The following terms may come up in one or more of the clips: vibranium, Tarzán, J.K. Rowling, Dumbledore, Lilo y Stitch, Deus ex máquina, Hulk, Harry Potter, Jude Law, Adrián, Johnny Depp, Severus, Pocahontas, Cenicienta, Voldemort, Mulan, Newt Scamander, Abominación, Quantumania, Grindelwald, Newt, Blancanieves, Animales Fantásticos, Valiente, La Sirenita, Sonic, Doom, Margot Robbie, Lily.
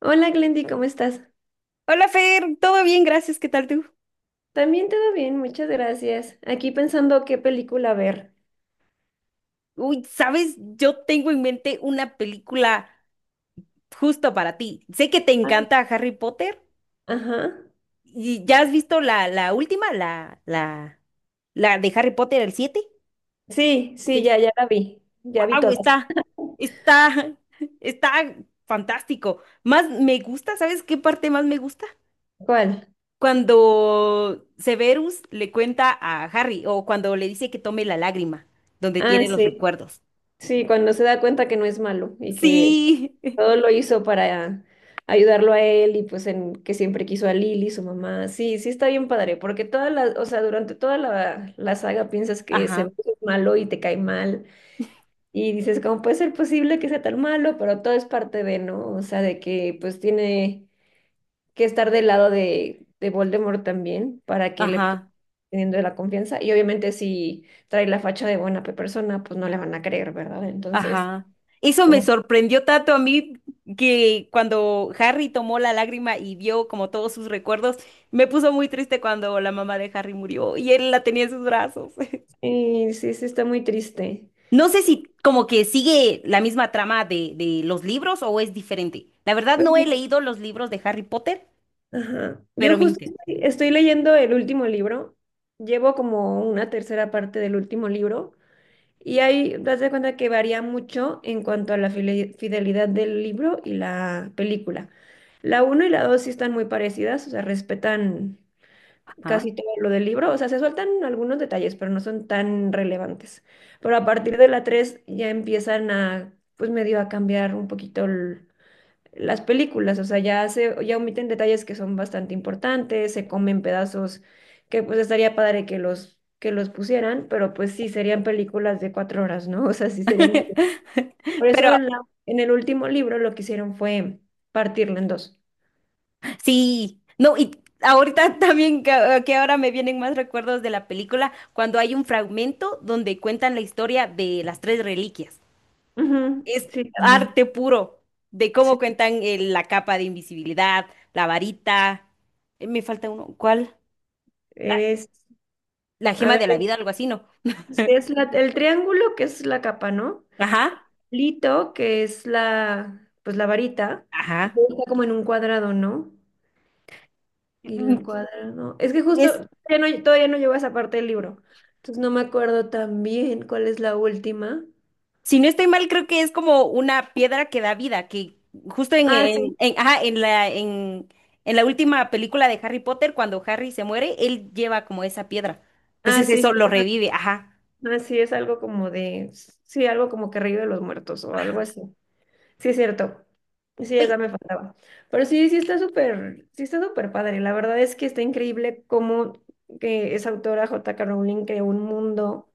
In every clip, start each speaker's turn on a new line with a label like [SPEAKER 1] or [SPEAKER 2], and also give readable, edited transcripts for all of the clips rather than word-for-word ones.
[SPEAKER 1] Hola Glendy, ¿cómo estás?
[SPEAKER 2] Hola Fer, todo bien, gracias, ¿qué tal tú?
[SPEAKER 1] También todo bien, muchas gracias. Aquí pensando qué película ver.
[SPEAKER 2] Uy, sabes, yo tengo en mente una película justo para ti. Sé que te
[SPEAKER 1] Ay.
[SPEAKER 2] encanta Harry Potter
[SPEAKER 1] Ajá.
[SPEAKER 2] y ya has visto la última, la de Harry Potter, el 7.
[SPEAKER 1] Sí, sí, ya, ya la vi. Ya vi
[SPEAKER 2] Wow,
[SPEAKER 1] todas.
[SPEAKER 2] está, está fantástico. Más me gusta, ¿sabes qué parte más me gusta?
[SPEAKER 1] ¿Cuál?
[SPEAKER 2] Cuando Severus le cuenta a Harry o cuando le dice que tome la lágrima, donde
[SPEAKER 1] Ah,
[SPEAKER 2] tiene los
[SPEAKER 1] sí.
[SPEAKER 2] recuerdos. Sí,
[SPEAKER 1] Sí, cuando se da cuenta que no es malo y que
[SPEAKER 2] sí.
[SPEAKER 1] todo lo hizo para ayudarlo a él y pues en que siempre quiso a Lily, su mamá. Sí, sí está bien padre, porque toda la, o sea, durante toda la saga piensas que se
[SPEAKER 2] Ajá,
[SPEAKER 1] ve es malo y te cae mal. Y dices, ¿cómo puede ser posible que sea tan malo? Pero todo es parte de, ¿no? O sea, de que pues tiene que estar del lado de Voldemort también para que le pu-
[SPEAKER 2] ajá,
[SPEAKER 1] teniendo la confianza. Y obviamente si trae la facha de buena pe- persona, pues no le van a creer, ¿verdad? Entonces,
[SPEAKER 2] ajá. Eso me
[SPEAKER 1] como,
[SPEAKER 2] sorprendió tanto a mí que cuando Harry tomó la lágrima y vio como todos sus recuerdos, me puso muy triste cuando la mamá de Harry murió y él la tenía en sus brazos.
[SPEAKER 1] sí, sí, sí, está muy triste.
[SPEAKER 2] No sé si como que sigue la misma trama de los libros o es diferente. La verdad
[SPEAKER 1] Pues,
[SPEAKER 2] no he
[SPEAKER 1] mira,
[SPEAKER 2] leído los libros de Harry Potter,
[SPEAKER 1] ajá. Yo
[SPEAKER 2] pero me
[SPEAKER 1] justo estoy,
[SPEAKER 2] interesaría.
[SPEAKER 1] estoy leyendo el último libro. Llevo como una tercera parte del último libro. Y ahí te das cuenta que varía mucho en cuanto a la file- fidelidad del libro y la película. La uno y la 2 sí están muy parecidas, o sea, respetan
[SPEAKER 2] Ajá.
[SPEAKER 1] casi todo lo del libro, o sea, se sueltan algunos detalles, pero no son tan relevantes. Pero a partir de la 3 ya empiezan a, pues medio a cambiar un poquito el- las películas, o sea, ya se, ya omiten detalles que son bastante importantes, se comen pedazos que pues estaría padre que los pusieran, pero pues sí serían películas de cuatro horas, ¿no? O sea, sí serían muy- Por eso
[SPEAKER 2] Pero
[SPEAKER 1] en la, en el último libro lo que hicieron fue partirlo en dos.
[SPEAKER 2] sí, no, y ahorita también que ahora me vienen más recuerdos de la película, cuando hay un fragmento donde cuentan la historia de las tres reliquias.
[SPEAKER 1] Ujú,
[SPEAKER 2] Es
[SPEAKER 1] sí, también.
[SPEAKER 2] arte puro de cómo
[SPEAKER 1] Sí.
[SPEAKER 2] cuentan la capa de invisibilidad, la varita. Me falta uno, ¿cuál? Ay,
[SPEAKER 1] Es,
[SPEAKER 2] la
[SPEAKER 1] a
[SPEAKER 2] gema
[SPEAKER 1] ver,
[SPEAKER 2] de la vida, algo así, ¿no?
[SPEAKER 1] es la- el triángulo que es la capa, ¿no?
[SPEAKER 2] Ajá,
[SPEAKER 1] Lito, que es la, pues la varita, y
[SPEAKER 2] ajá.
[SPEAKER 1] luego está como en un cuadrado, ¿no? Y el
[SPEAKER 2] Mm,
[SPEAKER 1] cuaderno. Es que justo
[SPEAKER 2] Es
[SPEAKER 1] ya no- todavía no llevo esa parte del libro. Entonces no me acuerdo tan bien cuál es la última.
[SPEAKER 2] Si no estoy mal, creo que es como una piedra que da vida, que justo
[SPEAKER 1] Ah, sí.
[SPEAKER 2] en la última película de Harry Potter, cuando Harry se muere, él lleva como esa piedra.
[SPEAKER 1] Ah,
[SPEAKER 2] Entonces
[SPEAKER 1] sí, sí.
[SPEAKER 2] eso lo revive, ajá,
[SPEAKER 1] Ah, sí, es algo como de. Sí, algo como que río de los muertos o algo
[SPEAKER 2] ajá.
[SPEAKER 1] así. Sí, es cierto. Sí, esa
[SPEAKER 2] Oye,
[SPEAKER 1] me faltaba. Pero sí, sí está súper padre. La verdad es que está increíble cómo que esa autora J.K. Rowling creó un mundo,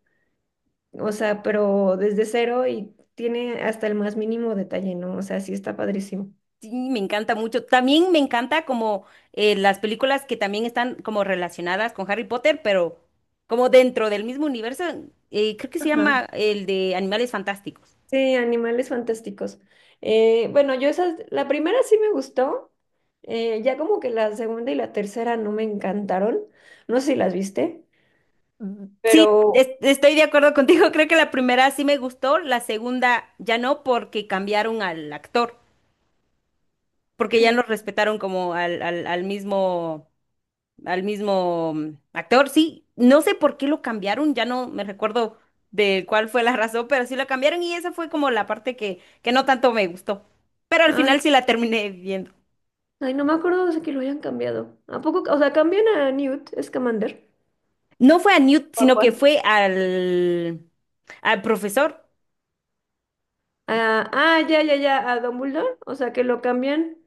[SPEAKER 1] o sea, pero desde cero y tiene hasta el más mínimo detalle, ¿no? O sea, sí está padrísimo.
[SPEAKER 2] sí, me encanta mucho. También me encanta como las películas que también están como relacionadas con Harry Potter, pero como dentro del mismo universo. Creo que se
[SPEAKER 1] Ajá.
[SPEAKER 2] llama el de Animales Fantásticos.
[SPEAKER 1] Sí, Animales Fantásticos. Bueno, yo esas, la primera sí me gustó, ya como que la segunda y la tercera no me encantaron, no sé si las viste,
[SPEAKER 2] Sí,
[SPEAKER 1] pero...
[SPEAKER 2] estoy de acuerdo contigo. Creo que la primera sí me gustó, la segunda ya no, porque cambiaron al actor, porque ya no
[SPEAKER 1] cambi-
[SPEAKER 2] respetaron como al mismo, al mismo actor. Sí, no sé por qué lo cambiaron, ya no me recuerdo de cuál fue la razón, pero sí lo cambiaron y esa fue como la parte que no tanto me gustó. Pero al
[SPEAKER 1] Ay,
[SPEAKER 2] final sí la terminé viendo.
[SPEAKER 1] ay, no me acuerdo de que lo hayan cambiado. ¿A poco? O sea, cambian a Newt Scamander.
[SPEAKER 2] No fue a Newt,
[SPEAKER 1] ¿O a
[SPEAKER 2] sino que
[SPEAKER 1] cuál?
[SPEAKER 2] fue al profesor.
[SPEAKER 1] Ah, ah, ya, ya, ya, a Dumbledore, o sea, que lo cambian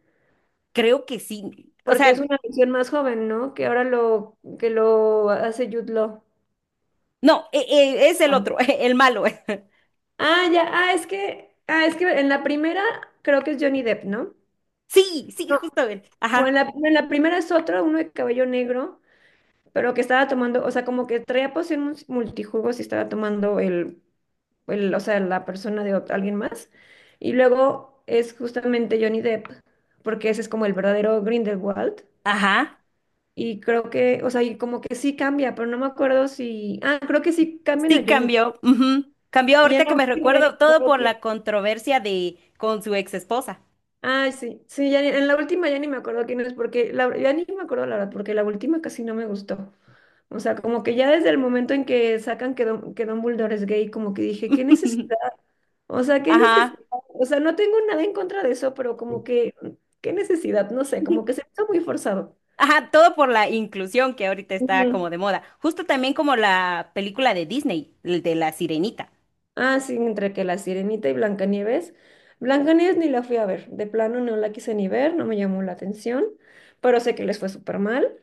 [SPEAKER 2] Creo que sí. O
[SPEAKER 1] porque es
[SPEAKER 2] sea,
[SPEAKER 1] una versión más joven, ¿no? Que ahora lo, que lo hace Jude Law.
[SPEAKER 2] no, es el otro, el malo.
[SPEAKER 1] Ah, ya, ah, es que en la primera creo que es Johnny Depp, ¿no?
[SPEAKER 2] Sí, sí,
[SPEAKER 1] No,
[SPEAKER 2] justo él.
[SPEAKER 1] o en
[SPEAKER 2] Ajá,
[SPEAKER 1] la primera es otro, uno de cabello negro, pero que estaba tomando, o sea, como que traía poción mus- multijugos y estaba tomando el, o sea, la persona de ot- alguien más. Y luego es justamente Johnny Depp, porque ese es como el verdadero Grindelwald.
[SPEAKER 2] ajá.
[SPEAKER 1] Y creo que, o sea, y como que sí cambia, pero no me acuerdo si, ah, creo que sí cambian
[SPEAKER 2] Sí
[SPEAKER 1] a Johnny Depp.
[SPEAKER 2] cambió. Ujú. Cambió
[SPEAKER 1] Y ya en
[SPEAKER 2] ahorita que
[SPEAKER 1] la
[SPEAKER 2] me
[SPEAKER 1] última ya ni
[SPEAKER 2] recuerdo
[SPEAKER 1] me
[SPEAKER 2] todo
[SPEAKER 1] acuerdo.
[SPEAKER 2] por la controversia de con su ex esposa.
[SPEAKER 1] Ay, sí, sí, ya ni- en la última ya ni me acuerdo quién es, porque la, ya ni me acuerdo la verdad, porque la última casi no me gustó. O sea, como que ya desde el momento en que sacan que, Don, que Dumbledore es gay, como que dije, ¿qué necesidad? O sea, ¿qué necesidad?
[SPEAKER 2] Ajá.
[SPEAKER 1] O sea, no tengo nada en contra de eso, pero como que, ¿qué necesidad? No sé, como que se me hizo muy forzado.
[SPEAKER 2] Ajá, todo por la inclusión que ahorita está como
[SPEAKER 1] Ujú.
[SPEAKER 2] de moda. Justo también como la película de Disney, el de La Sirenita.
[SPEAKER 1] Ah, sí, entre que La Sirenita y Blancanieves. Blancanieves ni la fui a ver, de plano no la quise ni ver, no me llamó la atención, pero sé que les fue súper mal.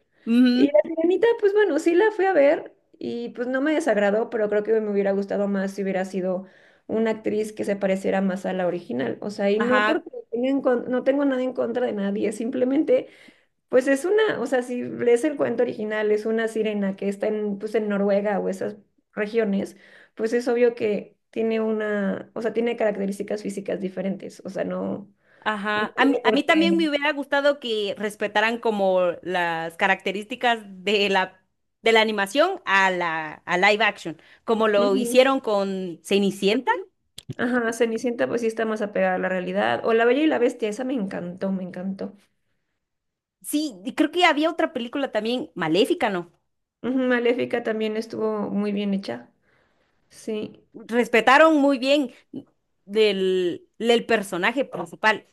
[SPEAKER 1] Y
[SPEAKER 2] Ujú.
[SPEAKER 1] La Sirenita, pues bueno, sí la fui a ver y pues no me desagradó, pero creo que me hubiera gustado más si hubiera sido una actriz que se pareciera más a la original. O sea, y no
[SPEAKER 2] Ajá,
[SPEAKER 1] porque no tenga en con- no tengo nada en contra de nadie, simplemente pues es una, o sea, si lees el cuento original, es una sirena que está en, pues en Noruega o esas regiones, pues es obvio que tiene una, o sea, tiene características físicas diferentes, o sea, no, no
[SPEAKER 2] ajá,
[SPEAKER 1] tiene
[SPEAKER 2] a mí
[SPEAKER 1] por qué.
[SPEAKER 2] también me hubiera gustado que respetaran como las características de la animación a la a live action, como lo
[SPEAKER 1] Ujú.
[SPEAKER 2] hicieron con Cenicienta.
[SPEAKER 1] Ajá, Cenicienta pues sí está más apegada a la realidad, o La Bella y la Bestia, esa me encantó, me encantó.
[SPEAKER 2] Sí, y creo que había otra película también, Maléfica, ¿no?
[SPEAKER 1] Ujú, Maléfica también estuvo muy bien hecha, sí.
[SPEAKER 2] Respetaron muy bien del personaje principal.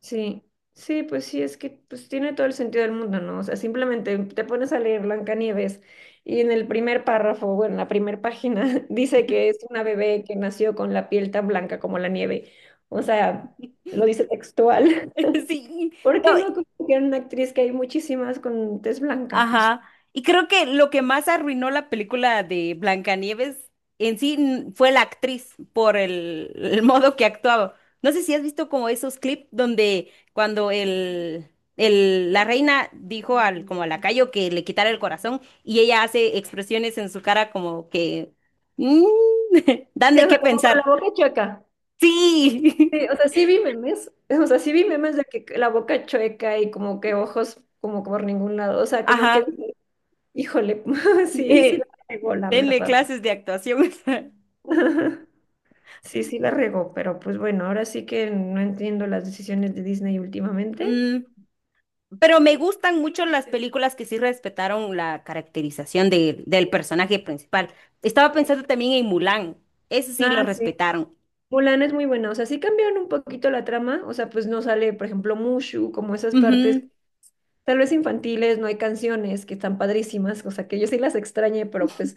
[SPEAKER 1] Sí, sí, pues sí, es que pues tiene todo el sentido del mundo, ¿no? O sea, simplemente te pones a leer Blancanieves y en el primer párrafo, bueno, en la primera página, dice que es una
[SPEAKER 2] Sí,
[SPEAKER 1] bebé que nació con la piel tan blanca como la nieve. O sea, lo dice textual.
[SPEAKER 2] sí.
[SPEAKER 1] ¿Por qué
[SPEAKER 2] No,
[SPEAKER 1] no copiar una actriz que hay muchísimas con tez blanca? O sea,
[SPEAKER 2] ajá. Y creo que lo que más arruinó la película de Blancanieves en sí fue la actriz por el modo que actuaba. No sé si has visto como esos clips donde cuando la reina dijo al, como al lacayo que le quitara el corazón y ella hace expresiones en su cara como que mm, dan
[SPEAKER 1] sí,
[SPEAKER 2] de
[SPEAKER 1] o
[SPEAKER 2] qué
[SPEAKER 1] sea, como con la
[SPEAKER 2] pensar.
[SPEAKER 1] boca chueca.
[SPEAKER 2] Sí.
[SPEAKER 1] Sí, o sea, sí vi memes, o sea, sí vi memes de que la boca chueca y como que ojos como por ningún lado, o sea, como que
[SPEAKER 2] Ajá.
[SPEAKER 1] Híjole, sí, sí la
[SPEAKER 2] Eh,
[SPEAKER 1] regó, la
[SPEAKER 2] denle
[SPEAKER 1] verdad.
[SPEAKER 2] clases de actuación.
[SPEAKER 1] Sí, sí la regó, pero pues bueno, ahora sí que no entiendo las decisiones de Disney últimamente.
[SPEAKER 2] Mm, pero me gustan mucho las películas que sí respetaron la caracterización del personaje principal. Estaba pensando también en Mulan. Eso sí lo
[SPEAKER 1] Ah, sí.
[SPEAKER 2] respetaron.
[SPEAKER 1] Mulan es muy buena, o sea, sí cambiaron un poquito la trama, o sea, pues no sale, por ejemplo, Mushu, como esas partes,
[SPEAKER 2] Ujú,
[SPEAKER 1] tal vez infantiles, no hay canciones que están padrísimas, o sea, que yo sí las extrañé, pero pues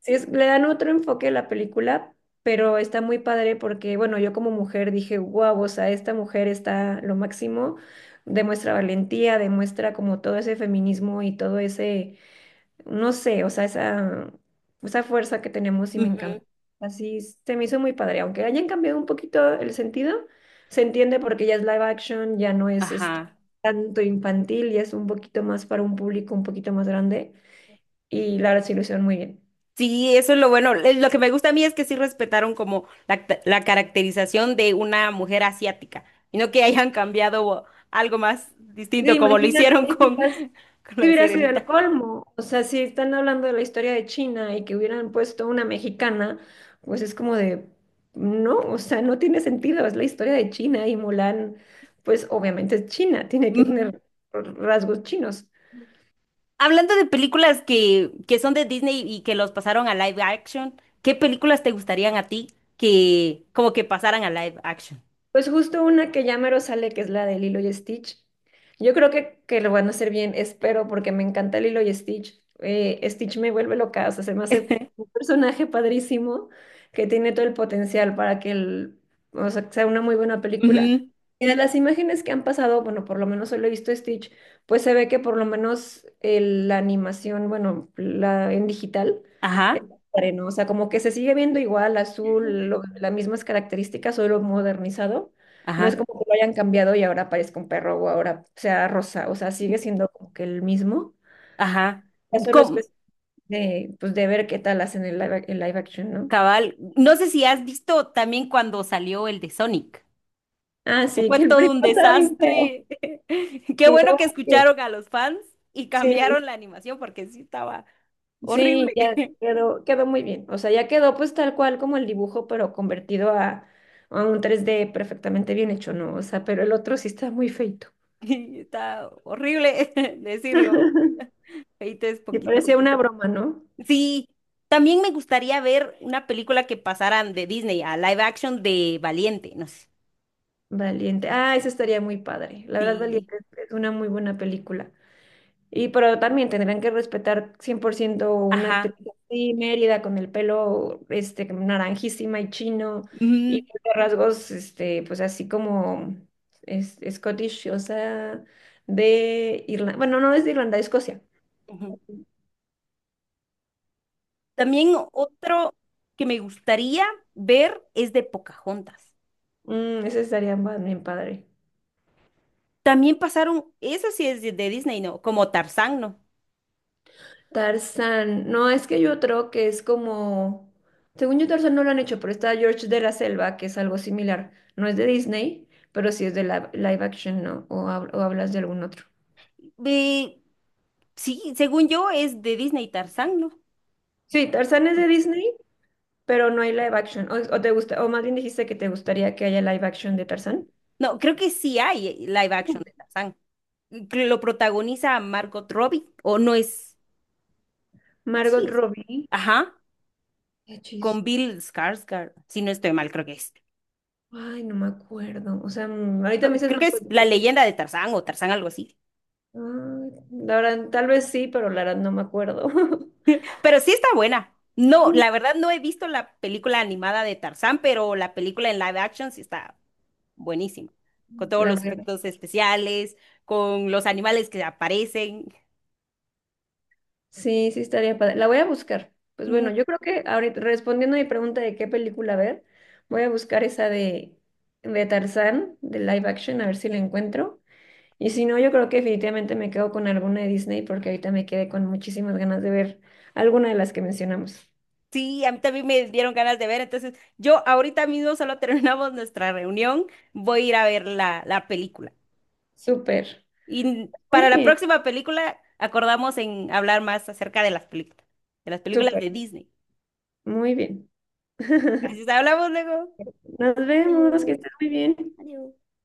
[SPEAKER 1] sí, es- le dan otro enfoque a la película, pero está muy padre porque, bueno, yo como mujer dije, wow, o sea, esta mujer está lo máximo, demuestra valentía, demuestra como todo ese feminismo y todo ese, no sé, o sea, esa fuerza que tenemos y me
[SPEAKER 2] ujú,
[SPEAKER 1] encanta. Así es- se me hizo muy padre, aunque hayan cambiado un poquito el sentido, se entiende porque ya es live action, ya no es este,
[SPEAKER 2] ajá.
[SPEAKER 1] tanto infantil, ya es un poquito más para un público un poquito más grande y la resolución muy bien.
[SPEAKER 2] Sí, eso es lo bueno. Lo que me gusta a mí es que sí respetaron como la caracterización de una mujer asiática. Y no que hayan cambiado algo más
[SPEAKER 1] Sí,
[SPEAKER 2] distinto como lo
[SPEAKER 1] imagínate,
[SPEAKER 2] hicieron con,
[SPEAKER 1] quizás
[SPEAKER 2] con
[SPEAKER 1] si
[SPEAKER 2] la
[SPEAKER 1] hubiera sido el
[SPEAKER 2] sirenita.
[SPEAKER 1] colmo. O sea, si están hablando de la historia de China y que hubieran puesto una mexicana, pues es como de, no, o sea, no tiene sentido, es la historia de China y Mulan, pues obviamente es China, tiene que tener rasgos chinos.
[SPEAKER 2] Hablando de películas que son de Disney y que los pasaron a live action, ¿qué películas te gustarían a ti que como que pasaran a live action?
[SPEAKER 1] Pues justo una que ya mero sale, que es la de Lilo y Stitch. Yo creo que lo van a hacer bien, espero, porque me encanta Lilo y Stitch. Stitch me vuelve loca, o sea, se me hace un personaje padrísimo que tiene todo el potencial para que el, o sea, que sea una muy buena película.
[SPEAKER 2] Ujú.
[SPEAKER 1] Y de las imágenes que han pasado, bueno, por lo menos solo he visto Stitch, pues se ve que por lo menos el- la animación, bueno, la en digital.
[SPEAKER 2] Ajá,
[SPEAKER 1] ¿No? O sea, como que se sigue viendo igual, azul, lo- las mismas características, solo modernizado. No es
[SPEAKER 2] ajá,
[SPEAKER 1] como que lo hayan cambiado y ahora parezca un perro o ahora sea rosa. O sea, sigue siendo como que el mismo.
[SPEAKER 2] ajá.
[SPEAKER 1] Ya solo es
[SPEAKER 2] Com-
[SPEAKER 1] cuestión de, pues, de ver qué tal hacen el live, ac- el live action, ¿no?
[SPEAKER 2] cabal, no sé si has visto también cuando salió el de Sonic,
[SPEAKER 1] Ah,
[SPEAKER 2] que
[SPEAKER 1] sí,
[SPEAKER 2] fue
[SPEAKER 1] que el
[SPEAKER 2] todo
[SPEAKER 1] primero
[SPEAKER 2] un
[SPEAKER 1] estaba bien feo.
[SPEAKER 2] desastre. Qué
[SPEAKER 1] Sí, lo
[SPEAKER 2] bueno
[SPEAKER 1] bueno
[SPEAKER 2] que
[SPEAKER 1] es que
[SPEAKER 2] escucharon a los fans y
[SPEAKER 1] sí.
[SPEAKER 2] cambiaron la animación porque sí estaba
[SPEAKER 1] Sí,
[SPEAKER 2] horrible.
[SPEAKER 1] ya quedó, quedó muy bien. O sea, ya quedó pues tal cual como el dibujo, pero convertido a un 3D perfectamente bien hecho, ¿no? O sea, pero el otro sí está muy feito.
[SPEAKER 2] Y está horrible decirlo. Feito es
[SPEAKER 1] Me
[SPEAKER 2] poquito.
[SPEAKER 1] parecía una broma, ¿no?
[SPEAKER 2] Sí, también me gustaría ver una película que pasaran de Disney a live action de Valiente, no sé.
[SPEAKER 1] Valiente. Ah, eso estaría muy padre. La verdad,
[SPEAKER 2] Sí,
[SPEAKER 1] Valiente es una muy buena película. Y pero también tendrían que respetar 100% una actriz
[SPEAKER 2] ajá.
[SPEAKER 1] así, Mérida, con el pelo este, naranjísima y chino, y
[SPEAKER 2] Ujú,
[SPEAKER 1] de rasgos, este, pues así como es, Scottish, o sea, de Irlanda. Bueno, no es de Irlanda, de Escocia.
[SPEAKER 2] ujú. También otro que me gustaría ver es de Pocahontas.
[SPEAKER 1] Mm, ese estaría más bien padre.
[SPEAKER 2] También pasaron, eso sí es de Disney, ¿no? Como Tarzán, ¿no?
[SPEAKER 1] Tarzán, no, es que hay otro que es como, según yo Tarzán no lo han hecho, pero está George de la Selva, que es algo similar. No es de Disney, pero sí es de la- live action, ¿no? O, hab- o hablas de algún otro.
[SPEAKER 2] Eh, sí, según yo es de Disney Tarzán, ¿no?
[SPEAKER 1] Sí, Tarzán es de Disney, pero no hay live action. O te gusta, o más bien dijiste que te gustaría que haya live action de Tarzán.
[SPEAKER 2] No, creo que sí hay live action de Tarzán. Que lo protagoniza Margot Robbie, o no es,
[SPEAKER 1] Margot
[SPEAKER 2] sí es.
[SPEAKER 1] Robbie.
[SPEAKER 2] Ajá.
[SPEAKER 1] Qué chis.
[SPEAKER 2] Con Bill Skarsgård, si no estoy mal, creo que es.
[SPEAKER 1] Ay, no me acuerdo. O sea, ahorita me dices
[SPEAKER 2] Creo que
[SPEAKER 1] Margot
[SPEAKER 2] es La
[SPEAKER 1] Robbie.
[SPEAKER 2] leyenda de Tarzán o Tarzán algo así.
[SPEAKER 1] Ay, la verdad, tal vez sí, pero la verdad no me acuerdo.
[SPEAKER 2] Pero sí está buena. No, la verdad no he visto la película animada de Tarzán, pero la película en live action sí está buenísima. Con todos
[SPEAKER 1] La
[SPEAKER 2] los
[SPEAKER 1] voy a ver.
[SPEAKER 2] efectos especiales, con los animales que aparecen.
[SPEAKER 1] Sí, sí estaría padre. La voy a buscar. Pues bueno,
[SPEAKER 2] Mm,
[SPEAKER 1] yo creo que ahorita, respondiendo a mi pregunta de qué película ver, voy a buscar esa de Tarzán, de live action, a ver si la encuentro. Y si no, yo creo que definitivamente me quedo con alguna de Disney porque ahorita me quedé con muchísimas ganas de ver alguna de las que mencionamos.
[SPEAKER 2] Sí, a mí también me dieron ganas de ver. Entonces, yo ahorita mismo solo terminamos nuestra reunión. Voy a ir a ver la película.
[SPEAKER 1] Súper.
[SPEAKER 2] Y
[SPEAKER 1] Muy
[SPEAKER 2] para la
[SPEAKER 1] bien,
[SPEAKER 2] próxima película acordamos en hablar más acerca de las películas, de las películas
[SPEAKER 1] súper.
[SPEAKER 2] de Disney.
[SPEAKER 1] Muy bien.
[SPEAKER 2] Así que hablamos luego.
[SPEAKER 1] Nos vemos, que estés muy bien.